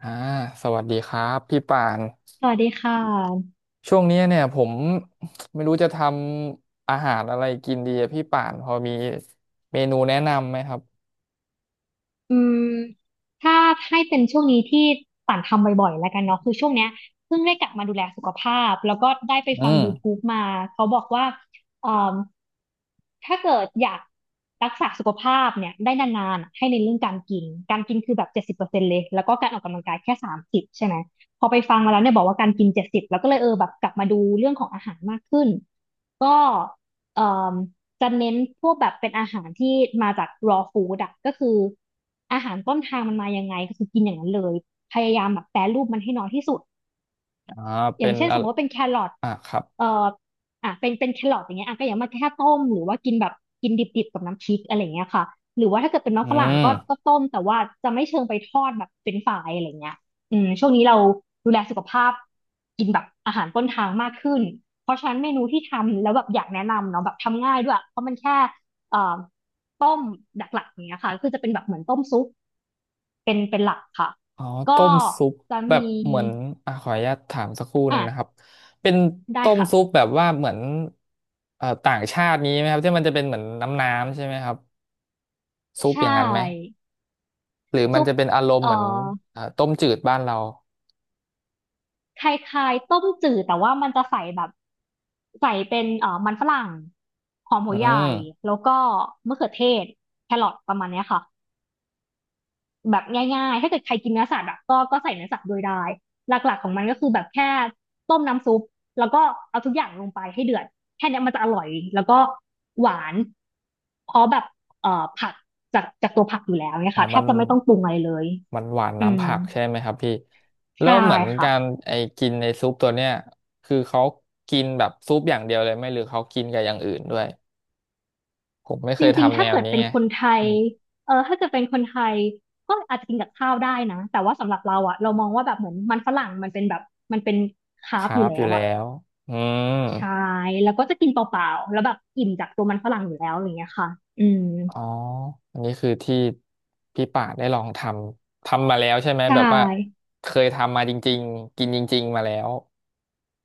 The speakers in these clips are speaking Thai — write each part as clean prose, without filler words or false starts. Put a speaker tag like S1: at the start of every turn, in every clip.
S1: อ่าสวัสดีครับพี่ป่าน
S2: สวัสดีค่ะ
S1: ช่วงเนี้ยเนี่ยผมไม่รู้จะทำอาหารอะไรกินดีอะพี่ป่านพอมีเมนูแนะนำไหมครับ
S2: อืมถ้าให้เป็นช่วงนี้ที่ป่านทำบ่อยๆแล้วกันเนาะคือช่วงเนี้ยเพิ่งได้กลับมาดูแลสุขภาพแล้วก็ได้ไป
S1: อื
S2: ฟัง y ูทู
S1: ม
S2: บ b e มาเขาบอกว่าเอ่มถ้าเกิดอยากรักษาสุขภาพเนี่ยได้นานๆอะให้ในนเรื่องการกินการกินคือแบบ70%เลยแล้วก็การออกกำลังกายแค่30ใช่ไหมพอไปฟังมาแล้วเนี่ยบอกว่าการกินเจ็ดสิบแล้วก็เลยเออแบบกลับมาดูเรื่องของอาหารมากขึ้นก็เอ่อ จะเน้นพวกแบบเป็นอาหารที่มาจาก raw food อะก็คืออาหารต้นทางมันมายังไงก็คือกินอย่างนั้นเลยพยายามแบบแปรรูปมันให้น้อยที่สุด
S1: อ่า
S2: อ
S1: เป็
S2: ย่าง
S1: น
S2: เช่นส
S1: อะ
S2: มมติว่าเป็นแครอท
S1: อ่าครับ
S2: เอ่ออ่ะเป็นแครอทอย่างเงี้ยอ่ะก็อย่ามาแค่ต้มหรือว่ากินแบบกินดิบๆกับน้ำพริกอะไรเงี้ยค่ะหรือว่าถ้าเกิดเป็นน้อง
S1: อื
S2: ฝรั่ง
S1: ม
S2: ก็ต้มแต่ว่าจะไม่เชิงไปทอดแบบเป็นฝายอะไรเงี้ยช่วงนี้เราดูแลสุขภาพกินแบบอาหารต้นทางมากขึ้นเพราะฉะนั้นเมนูที่ทำแล้วแบบอยากแนะนำเนาะแบบทำง่ายด้วยเพราะมันแค่เอ่อต้มหลักๆอย่างเงี้ยค่ะก็คือจะเป็นแบบเหมือนต้มซุปเป็นหลักค่ะ
S1: อ๋อ
S2: ก็
S1: ต้มซุป
S2: จะ
S1: แบบ
S2: มี
S1: เหมือนอ่าขออนุญาตถามสักครู่ห
S2: อ่ะ
S1: นึ่งนะครับเป็น
S2: ได้
S1: ต้ม
S2: ค่ะ
S1: ซุปแบบว่าเหมือนต่างชาตินี้ไหมครับที่มันจะเป็นเหมือนน้ำใช่ไหมครับซุ
S2: ใช
S1: ปอย่างนั้นไหม
S2: ่
S1: หรือมั
S2: ซุ
S1: น
S2: ป
S1: จะเป็นอารมณ์
S2: เอ่อ
S1: เหมือนต้มจืดบ้านเรา
S2: คล้ายๆต้มจืดแต่ว่ามันจะใส่แบบใส่เป็นมันฝรั่งหอมหั
S1: อื
S2: วใหญ่
S1: ม
S2: แล้วก็มะเขือเทศแครอทประมาณเนี้ยค่ะแบบง่ายๆถ้าเกิดใครกินเนื้อสัตว์อะก็ใส่เนื้อสัตว์โด้วยได้หลักๆของมันก็คือแบบแค่ต้มน้ำซุปแล้วก็เอาทุกอย่างลงไปให้เดือดแค่เนี้ยมันจะอร่อยแล้วก็หวานเพราะแบบเอ่อผักจากตัวผักอยู่แล้วเนี่
S1: อ๋
S2: ย
S1: อ
S2: ค่ะแท
S1: มั
S2: บ
S1: น
S2: จะไม่ต้องปรุงอะไรเลย
S1: หวาน
S2: อื
S1: น้ำ
S2: ม
S1: ผักใช่ไหมครับพี่แล้
S2: ใช่
S1: วเหมือน
S2: ค่ะ
S1: การไอ้กินในซุปตัวเนี้ยคือเขากินแบบซุปอย่างเดียวเลยไหมหรือเขากินกับอย่างอื่นด้วยผมไม่เค
S2: จ
S1: ย
S2: ริงๆ
S1: ทำแน
S2: ถ้า
S1: ว
S2: เกิด
S1: นี้
S2: เป็น
S1: ไง
S2: คนไทย
S1: อืม
S2: เออถ้าเกิดเป็นคนไทยก็อาจจะกินกับข้าวได้นะแต่ว่าสำหรับเราอะเรามองว่าแบบเหมือนมันฝรั่งมันเป็นแบบมันเป็นคาร์บ
S1: คา
S2: อ
S1: ร์
S2: ยู่
S1: บอ
S2: แล้
S1: ยู่
S2: ว
S1: แล้
S2: อะ
S1: วอืม
S2: ใช่แล้วก็จะกินเปล่าๆแล้วแบบอิ่มจากตัวมันฝรั่งอยู่แล้วอย่างเงี้ยค่ะอืม
S1: อ๋ออันนี้คือที่พี่ป่าได้ลองทำ ทำมาแล้วใช่ไหม
S2: ใช
S1: แบบว่า
S2: ่
S1: เคยทำมาจริงๆกินจริงๆมาแล้ว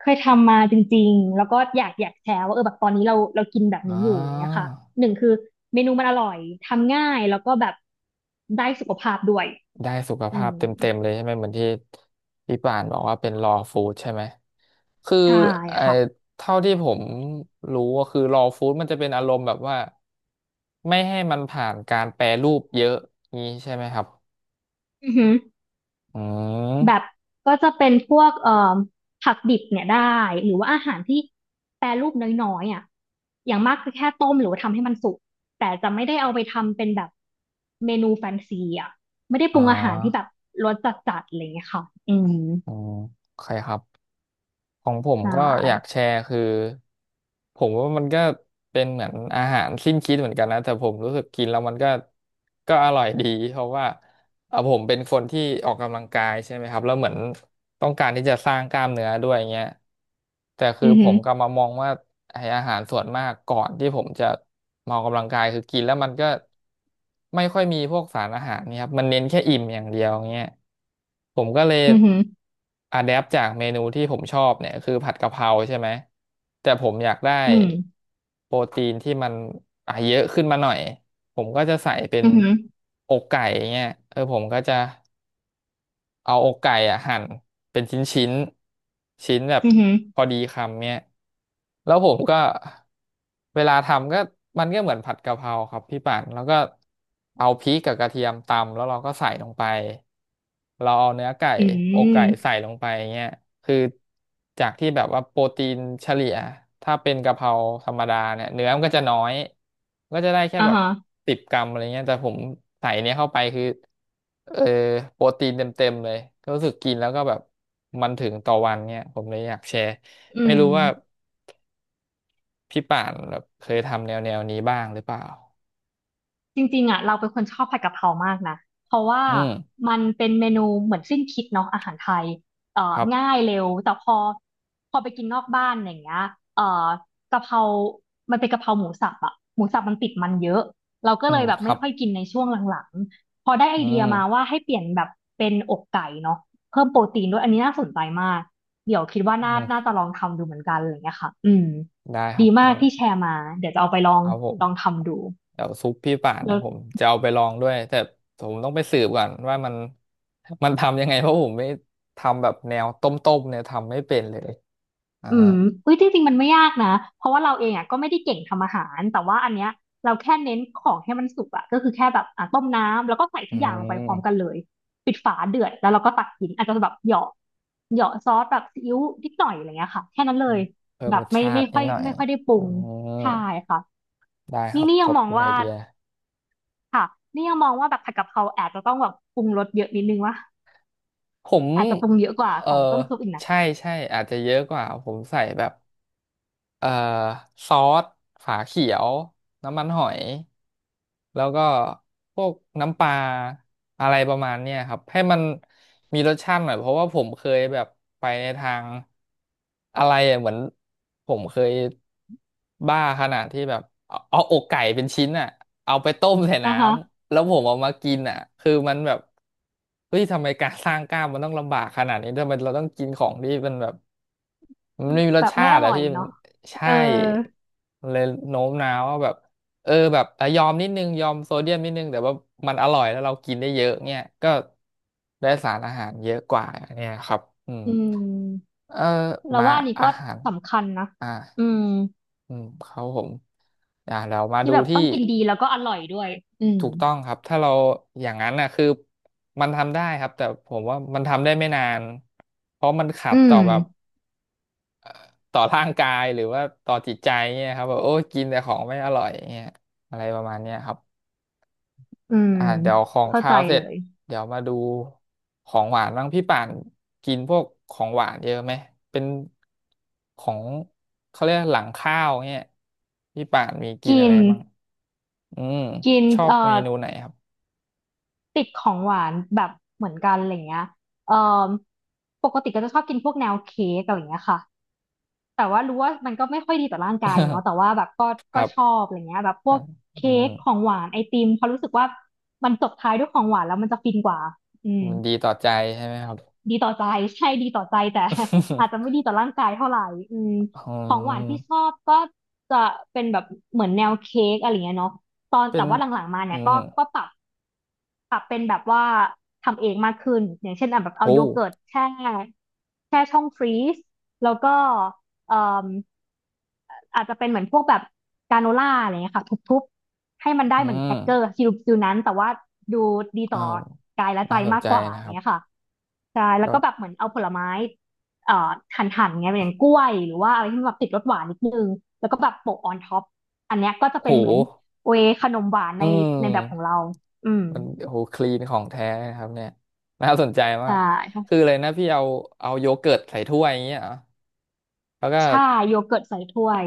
S2: เคยทำมาจริงๆแล้วก็อยากแชร์ว่าเออแบบตอนนี้เรากินแบบ
S1: อ๋อ
S2: นี้อยู่อย่างเงี้ยค่ะหนึ่งคือเมนูมันอร่อยทำง่ายแล้วก็แบบได้สุขภาพด้วย
S1: ได้สุข
S2: อื
S1: ภาพ
S2: ม
S1: เต็มๆเลยใช่ไหมเหมือนที่พี่ป่านบอกว่าเป็น raw food ใช่ไหมคือ
S2: ใช่
S1: ไอ้
S2: ค่ะ
S1: เท่าที่ผมรู้ก็คือ raw food มันจะเป็นอารมณ์แบบว่าไม่ให้มันผ่านการแปรรูปเยอะนี้ใช่ไหมครับ
S2: อือหือ
S1: อื
S2: แบบ
S1: ม
S2: ก็จะเป็นพวกผักดิบเนี่ยได้หรือว่าอาหารที่แปรรูปน้อยๆอ่ะอย่างมากก็แค่ต้มหรือว่าทำให้มันสุกแต่จะไม่ได้เอาไปทำเป็นแบบเมนูแฟนซีอ่ะไม่ได้ป
S1: อ่
S2: รุงอาหารที่แบบ
S1: า
S2: รสจัดๆอะไรอย่างเงี้ยค่ะอืม
S1: อืมใครครับของผม
S2: ใช
S1: ก็อยากแช
S2: ่
S1: ร์คือผมว่ามันก็เป็นเหมือนอาหารสิ้นคิดเหมือนกันนะแต่ผมรู้สึกกินแล้วมันก็ก็อร่อยดีเพราะว่า ผมเป็นคนที่ออกกำลังกายใช่ไหมครับแล้วเหมือนต้องการที่จะสร้างกล้ามเนื้อด้วยเงี้ยแต่คื
S2: อื
S1: อ
S2: อ
S1: ผ
S2: หือ
S1: มก็มามองว่าไอ้อาหารส่วนมากก่อนที่ผมจะมาออกกำลังกายคือกินแล้วมันก็ไม่ค่อยมีพวกสารอาหารเนี่ยครับมันเน้นแค่อิ่มอย่างเดียวเงี้ยผมก็เลย
S2: อือหือ
S1: อะแดปจากเมนูที่ผมชอบเนี่ยคือผัดกะเพราใช่ไหมแต่ผมอยากได้
S2: อืม
S1: โปรตีนที่มันอ่ะเยอะขึ้นมาหน่อย ผมก็จะใส่เป็น
S2: อือหือ
S1: อกไก่เงี้ยเออผมก็จะ เอาอกไก่อ่ะหั่นเป็นชิ้นแบบ
S2: อือหือ
S1: พอดีคำเนี่ยแล้วผมก็เวลาทำก็มันก็เหมือนผัดกะเพราครับพี่ป่านแล้วก็เอาพริกกับกระเทียมตำแล้วเราก็ใส่ลงไปเราเอาเนื้อไก่
S2: อื
S1: อก
S2: ม
S1: ไก่ใส่ลงไปเงี้ยคือจากที่แบบว่าโปรตีนเฉลี่ยถ้าเป็นกะเพราธรรมดาเนี่ยเนื้อมันก็จะน้อยก็จะได้แค่
S2: อ่า
S1: แบบ
S2: ฮะ
S1: 10 กรัมอะไรเงี้ยแต่ผมใส่เนี้ยเข้าไปคือ เออโปรตีนเต็มๆเลยก็รู้สึกกินแล้วก็แบบมันถึงต่อวันเนี่ยผมเลยอยากแชร์
S2: อื
S1: ไม่
S2: ม
S1: รู้ว่าพี่ป่านแบบเคยทำแนวแนวนี้บ้างหรือเปล่า
S2: จริงๆอ่ะเราเป็นคนชอบผัดกะเพรามากนะเพราะว่า
S1: อืม
S2: มันเป็นเมนูเหมือนสิ้นคิดเนาะอาหารไทย
S1: ครับ
S2: ง่ายเร็วแต่พอไปกินนอกบ้านอย่างเงี้ยเอ่อกะเพรามันเป็นกะเพราหมูสับอ่ะหมูสับมันติดมันเยอะเราก็
S1: อื
S2: เล
S1: ม
S2: ยแบบ
S1: ครั
S2: ไม่
S1: บ
S2: ค่อยกินในช่วงหลังๆพอได้ไอ
S1: อื
S2: เดียมา
S1: ม
S2: ว่าให้เปลี่ยนแบบเป็นอกไก่เนาะเพิ่มโปรตีนด้วยอันนี้น่าสนใจมากเดี๋ยวคิดว่า
S1: อื
S2: น่า
S1: ม
S2: จะลองทำดูเหมือนกันอะไรอย่างเงี้ยค่ะอืม
S1: ได้ครั
S2: ดี
S1: บ
S2: มา
S1: เดี๋ย
S2: ก
S1: ว
S2: ที่แชร์มาเดี๋ยวจะเอาไปลอ
S1: ค
S2: ง
S1: รับผม
S2: ลองทำดู
S1: เดี๋ยวซุปพี่ป่านนะผมจะเอาไปลองด้วยแต่ผมต้องไปสืบก่อนว่ามัน มันทำยังไงเพราะผมไม่ทำแบบแนวต้มๆเนี่ยทำไม่เป็นเลยอ่า
S2: อืมอุ้ยจริงๆมันไม่ยากนะ เพราะว่าเราเองอ่ะก็ไม่ได้เก่งทำอาหาร แต่ว่าอันเนี้ยเราแค่เน้นของให้มันสุกอ่ะก็คือแค่แบบอ่ะต้มน้ำแล้วก็ใส่
S1: อื
S2: ทุกอย่างลงไปพร้อมกัน
S1: ม
S2: เลยปิดฝาเดือดแล้วเราก็ตักกินอาจจะแบบเหยาะเหยาะซอสแบบซีอิ๊วนิดหน่อยอะไรเงี้ยค่ะแค่นั้นเลย
S1: เพิ่ม
S2: แบ
S1: ร
S2: บ
S1: ส
S2: ไม่
S1: ชา
S2: ไม่
S1: ตินิ
S2: ค่อ
S1: ด
S2: ย
S1: หน่อย
S2: ไม่ค่อยได้ปรุ
S1: อื
S2: งใช่
S1: ม
S2: ค่ะ
S1: ได้ค
S2: นี่
S1: รับ
S2: นี่
S1: ข
S2: ยัง
S1: อบ
S2: มอง
S1: คุณไอ
S2: ว่า
S1: เดีย
S2: ค่ะนี่ยังมองว่าแบบผัดกะเพราอาจจะต้องแบบปรุงรสเยอะนิดนึงวะ
S1: ผม
S2: อาจจะปรุงเยอะกว่า
S1: เออ
S2: ของต้มซุปอีกนะ
S1: ใช่ใช่อาจจะเยอะกว่าผมใส่แบบ เอ่อซอสฝาเขียวน้ำมันหอยแล้วก็พวกน้ำปลาอะไรประมาณเนี้ยครับให้มันมีรสชาติหน่อยเพราะว่าผมเคยแบบไปในทางอะไรอะเหมือนผมเคยบ้าขนาดที่แบบเอาอกไก่เป็นชิ้นอ่ะเอาไปต้มใส่
S2: อ่า
S1: น้
S2: ฮะ
S1: ำแล้วผมเอามากินอ่ะคือมันแบบเฮ้ยทำไมการสร้างกล้ามมันต้องลำบากขนาดนี้ทำไมเราต้องกินของที่มันแบบ มันไม่มีร
S2: แบ
S1: ส
S2: บ
S1: ชา
S2: ไม่อ
S1: ติอะ
S2: ร่อย
S1: พี่มัน
S2: เนาะเอ
S1: ใช่
S2: อ
S1: มันเลยโน้มน้าวว่าแบบเออแบบอ่ะยอมนิดนึงยอมโซเดียมนิดนึงแต่ว่ามันอร่อยแล้วเรากินได้เยอะเนี่ยก็ได้สารอาหารเยอะกว่าเนี่ยครับอืม
S2: อืม
S1: เออ
S2: เรา
S1: มา
S2: ว่าอันนี้
S1: อา
S2: ก็
S1: หาร
S2: สำคัญนะ
S1: อ่า
S2: อืม
S1: อืมครับผมอ่าเรามา
S2: ที่
S1: ดู
S2: แบบ
S1: ที่
S2: ต้องกินดีแล้วก็อร่อยด้วยอืม
S1: ถูกต้องครับถ้าเราอย่างนั้นน่ะคือมันทำได้ครับแต่ผมว่ามันทำได้ไม่นานเพราะมันขั
S2: อื
S1: ดต่
S2: ม
S1: อแบบ ต่อร่างกายหรือว่าต่อจิตใจเนี่ยครับแบบโอ้ยกินแต่ของไม่อร่อยเนี่ยอะไรประมาณเนี้ยครับ
S2: อืม
S1: อ่าเดี๋ยวของ
S2: เข้า
S1: คา
S2: ใจ
S1: วเสร็
S2: เล
S1: จ
S2: ย
S1: เดี๋ยวมาดูของหวานบ้างพี่ป่านกินพวกของหวานเยอะไหมเป็นของเขาเรียกหลังข้าวเนี่ยพี่ป่านมีกิน
S2: กิ
S1: อะไร
S2: น
S1: บ้างอืม
S2: กิน
S1: ชอบเมนูไหนครับ
S2: ติดของหวานแบบเหมือนกันอะไรเงี้ยเอ่อปกติก็จะชอบกินพวกแนวเค้กอะไรเงี้ยค่ะแต่ว่ารู้ว่ามันก็ไม่ค่อยดีต่อร่างกายเนาะแต่ว่าแบบก็
S1: ค
S2: ก็
S1: รับ
S2: ชอบอะไรเงี้ยแบบพวก
S1: อื
S2: เค้กของ
S1: ม
S2: หวานไอติมเพราะรู้สึกว่ามันจบท้ายด้วยของหวานแล้วมันจะฟินกว่าอืม
S1: มันดีต่อใจใช่ไหมครับ
S2: ดีต่อใจ ใช่ดีต่อใจแต่ อาจจะไม่ดีต่อร่างกายเท่าไหร่อืม
S1: อื
S2: ของหวานที่ช
S1: ม
S2: อบก็จะเป็นแบบเหมือนแนวเค้กอะไรเงี้ยเนาะตอน
S1: เป็
S2: แต่
S1: น
S2: ว่าหลังๆมา
S1: อื
S2: เนี่ยก็
S1: ม
S2: ก็ปรับเป็นแบบว่าทำเองมากขึ้นอย่างเช่นอ่ะแบบเอา
S1: โอ้
S2: โยเกิร์ตแช่แช่ช่องฟรีซแล้วก็เอ่อ อาจจะเป็นเหมือนพวกแบบกราโนล่าอะไรเงี้ยค่ะทุบๆให้มันได้
S1: อื
S2: เหมือนแครกเกอร์
S1: ม
S2: ฟิลฟิลนั้นแต่ว่าดูดี
S1: เออ
S2: ต่อกายและใจ
S1: น่าสน
S2: มาก
S1: ใจ
S2: กว่า
S1: นะครับ
S2: เนี้ยค่ะใช่แล้วก็แบบ
S1: ก็
S2: เหมือนเอาผลไม้เอ่อหั่นๆเงยอย่างกล้วยหรือว่าอะไรที่มันแบบติดรสหวานนิดนึงแล้วก็แบบโปะออนท็อปอันเนี้ยก็จะ
S1: โห
S2: เป็นเหมือนเวย์ขนมหวาน
S1: อื
S2: ในแบบของ
S1: ม
S2: เราอืม
S1: มันโหคลีนของแท้เลยนะครับเนี่ยน่าสนใจ มา
S2: ใช่
S1: ก
S2: ค่ะ
S1: คืออะไรนะพี่เอาโยเกิร์ตใส่ถ้วยอย่างเงี้ยเหรอแล้วก็
S2: ใช่โยเกิร์ตใส่ถ้วย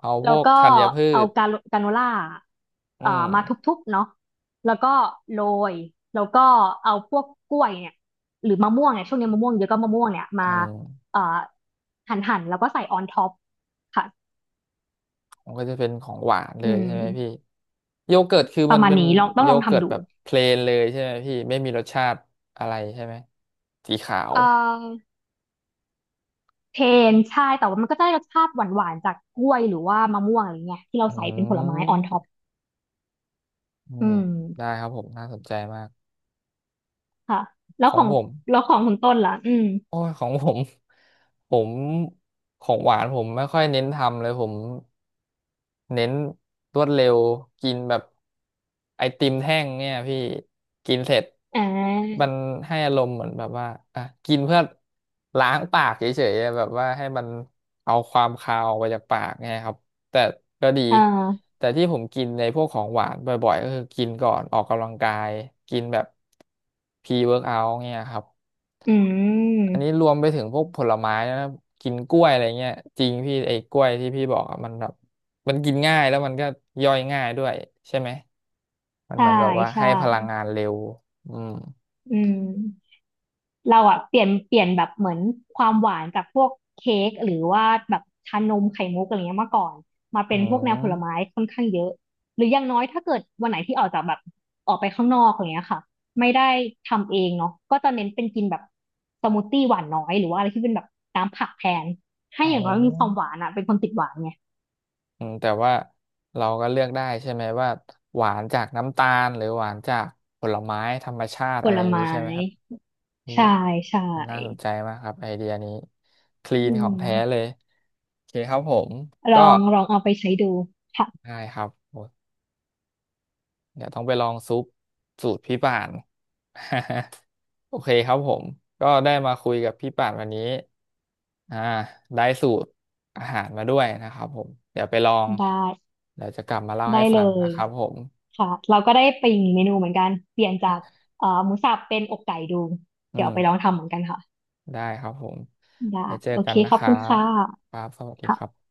S1: เอาพ
S2: แล้ว
S1: วก
S2: ก็
S1: ธัญพื
S2: เอา
S1: ช
S2: กาโนล่า
S1: อืม
S2: มาทุบๆเนาะแล้วก็โรยแล้วก็เอาพวกกล้วยเนี่ยหรือมะม่วงเนี่ยช่วงนี้มะม่วงเยอะก็มะม่วงเนี่ยมา
S1: อืม
S2: เอ่อหั่นแล้วก็ใส่ออนท็อปค่ะ
S1: มันก็จะเป็นของหวานเล
S2: อื
S1: ย
S2: ม
S1: ใช่ไหมพี่โยเกิร์ตคือ
S2: ป
S1: มั
S2: ระ
S1: น
S2: มาณ
S1: เป็น
S2: นี้ลองต้อง
S1: โย
S2: ลอง
S1: เกิร์ต
S2: ทำดู
S1: แบบเพลนเลยใช่ไหมพี่ไม่มีรสชาติอะไรใช่ไหมสีขาว
S2: เอ่อเทนใช่แต่ว่ามันก็จะได้รสชาติหวานๆจากกล้วยหรือว่ามะม่วงอะไรเงี้ยที่เรา
S1: อื
S2: ใส่เป็นผลไม้ออนท็อป
S1: มอื
S2: อื
S1: ม
S2: ม
S1: ได้ครับผมน่าสนใจมาก
S2: ค่ะแล้ว
S1: ขอ
S2: ข
S1: ง
S2: อง
S1: ผม
S2: แล้วของคุณต้นล่ะอืม
S1: โอ้ยของผม ผมของหวานผมไม่ค่อยเน้นทำเลยผมเน้นรวดเร็วกินแบบไอติมแท่งเนี่ยพี่กินเสร็จ
S2: อ่
S1: มั
S2: า
S1: นให้อารมณ์เหมือนแบบว่าอ่ะกินเพื่อล้างปากเฉยๆอะแบบว่าให้มันเอาความคาวออกไปจากปากเนี่ยครับแต่ก็ดี
S2: อ่า
S1: แต่ที่ผมกินในพวกของหวานบ่อยๆก็คือกินก่อนออกกำลังกายกินแบบพรีเวิร์กเอาท์เนี่ยครับ
S2: อื
S1: อันนี้
S2: ม
S1: รวมไปถึงพวกผลไม้นะครับกินกล้วยอะไรเงี้ยจริงพี่ไอ้กล้วยที่พี่บอกอะมันแบบมันกินง่ายแล้วมันก็ย่อยง่ายด้วยใช่ไหมมันเห
S2: ใช่
S1: มือนแบบว่า
S2: ใช่
S1: ให้พลังงานเร็วอืม
S2: อืมเราอะเปลี่ยนแบบเหมือนความหวานจากพวกเค้กหรือว่าแบบชานมไข่มุกอะไรเงี้ยมาก่อนมา
S1: อื
S2: เป็นพวกแนวผ
S1: ม
S2: ลไม้ค่อนข้างเยอะหรืออย่างน้อยถ้าเกิดวันไหนที่ออกจากแบบออกไปข้างนอกอะไรเงี้ยค่ะไม่ได้ทำเองเนาะก็จะเน้นเป็นกินแบบสมูทตี้หวานน้อยหรือว่าอะไรที่เป็นแบบน้ำผักแทนให้
S1: อ๋อ
S2: อย่างน้อยมีความหวานอะเป็นคนติดหวานไง
S1: อืมแต่ว่าเราก็เลือกได้ใช่ไหมว่าหวานจากน้ำตาลหรือหวานจากผลไม้ธรรมชาติ
S2: ผ
S1: อะไร
S2: ล
S1: อย่างนี้
S2: ไม้
S1: ใช่ไหมครับนี่
S2: ใช่ใช่
S1: น่าสนใจมากครับไอเดียนี้คลี
S2: อื
S1: นของ
S2: ม
S1: แท้เลยโอเคครับผม
S2: ล
S1: ก็
S2: องลองเอาไปใช้ดูค่ะ
S1: ได้ครับ เดี๋ยวต้องไปลองซุปสูตรพี่ป่าน โอเคครับผมก็ได้มาคุยกับพี่ป่านวันนี้อ่าได้สูตรอาหารมาด้วยนะครับผมเดี๋ยวไปลอง
S2: ได้
S1: เดี๋ยวจะกลับมาเล่าให้
S2: ได้
S1: ฟั
S2: เล
S1: งนะ
S2: ย
S1: ครับผม
S2: ค่ะเราก็ได้ไปอีกเมนูเหมือนกันเปลี่ยนจากหมูสับเป็นอกไก่ดู
S1: อื
S2: เดี๋ยวเอาไปลอง
S1: ม
S2: ทำเหมือนกันค่ะ
S1: ได้ครับผม
S2: ได้
S1: ไปเจอ
S2: โอ
S1: กั
S2: เค
S1: นนะ
S2: ข
S1: ค
S2: อบ
S1: รั
S2: คุณ
S1: บ
S2: ค่ะ
S1: ครับสวัสดีครั
S2: ค่ะ
S1: บ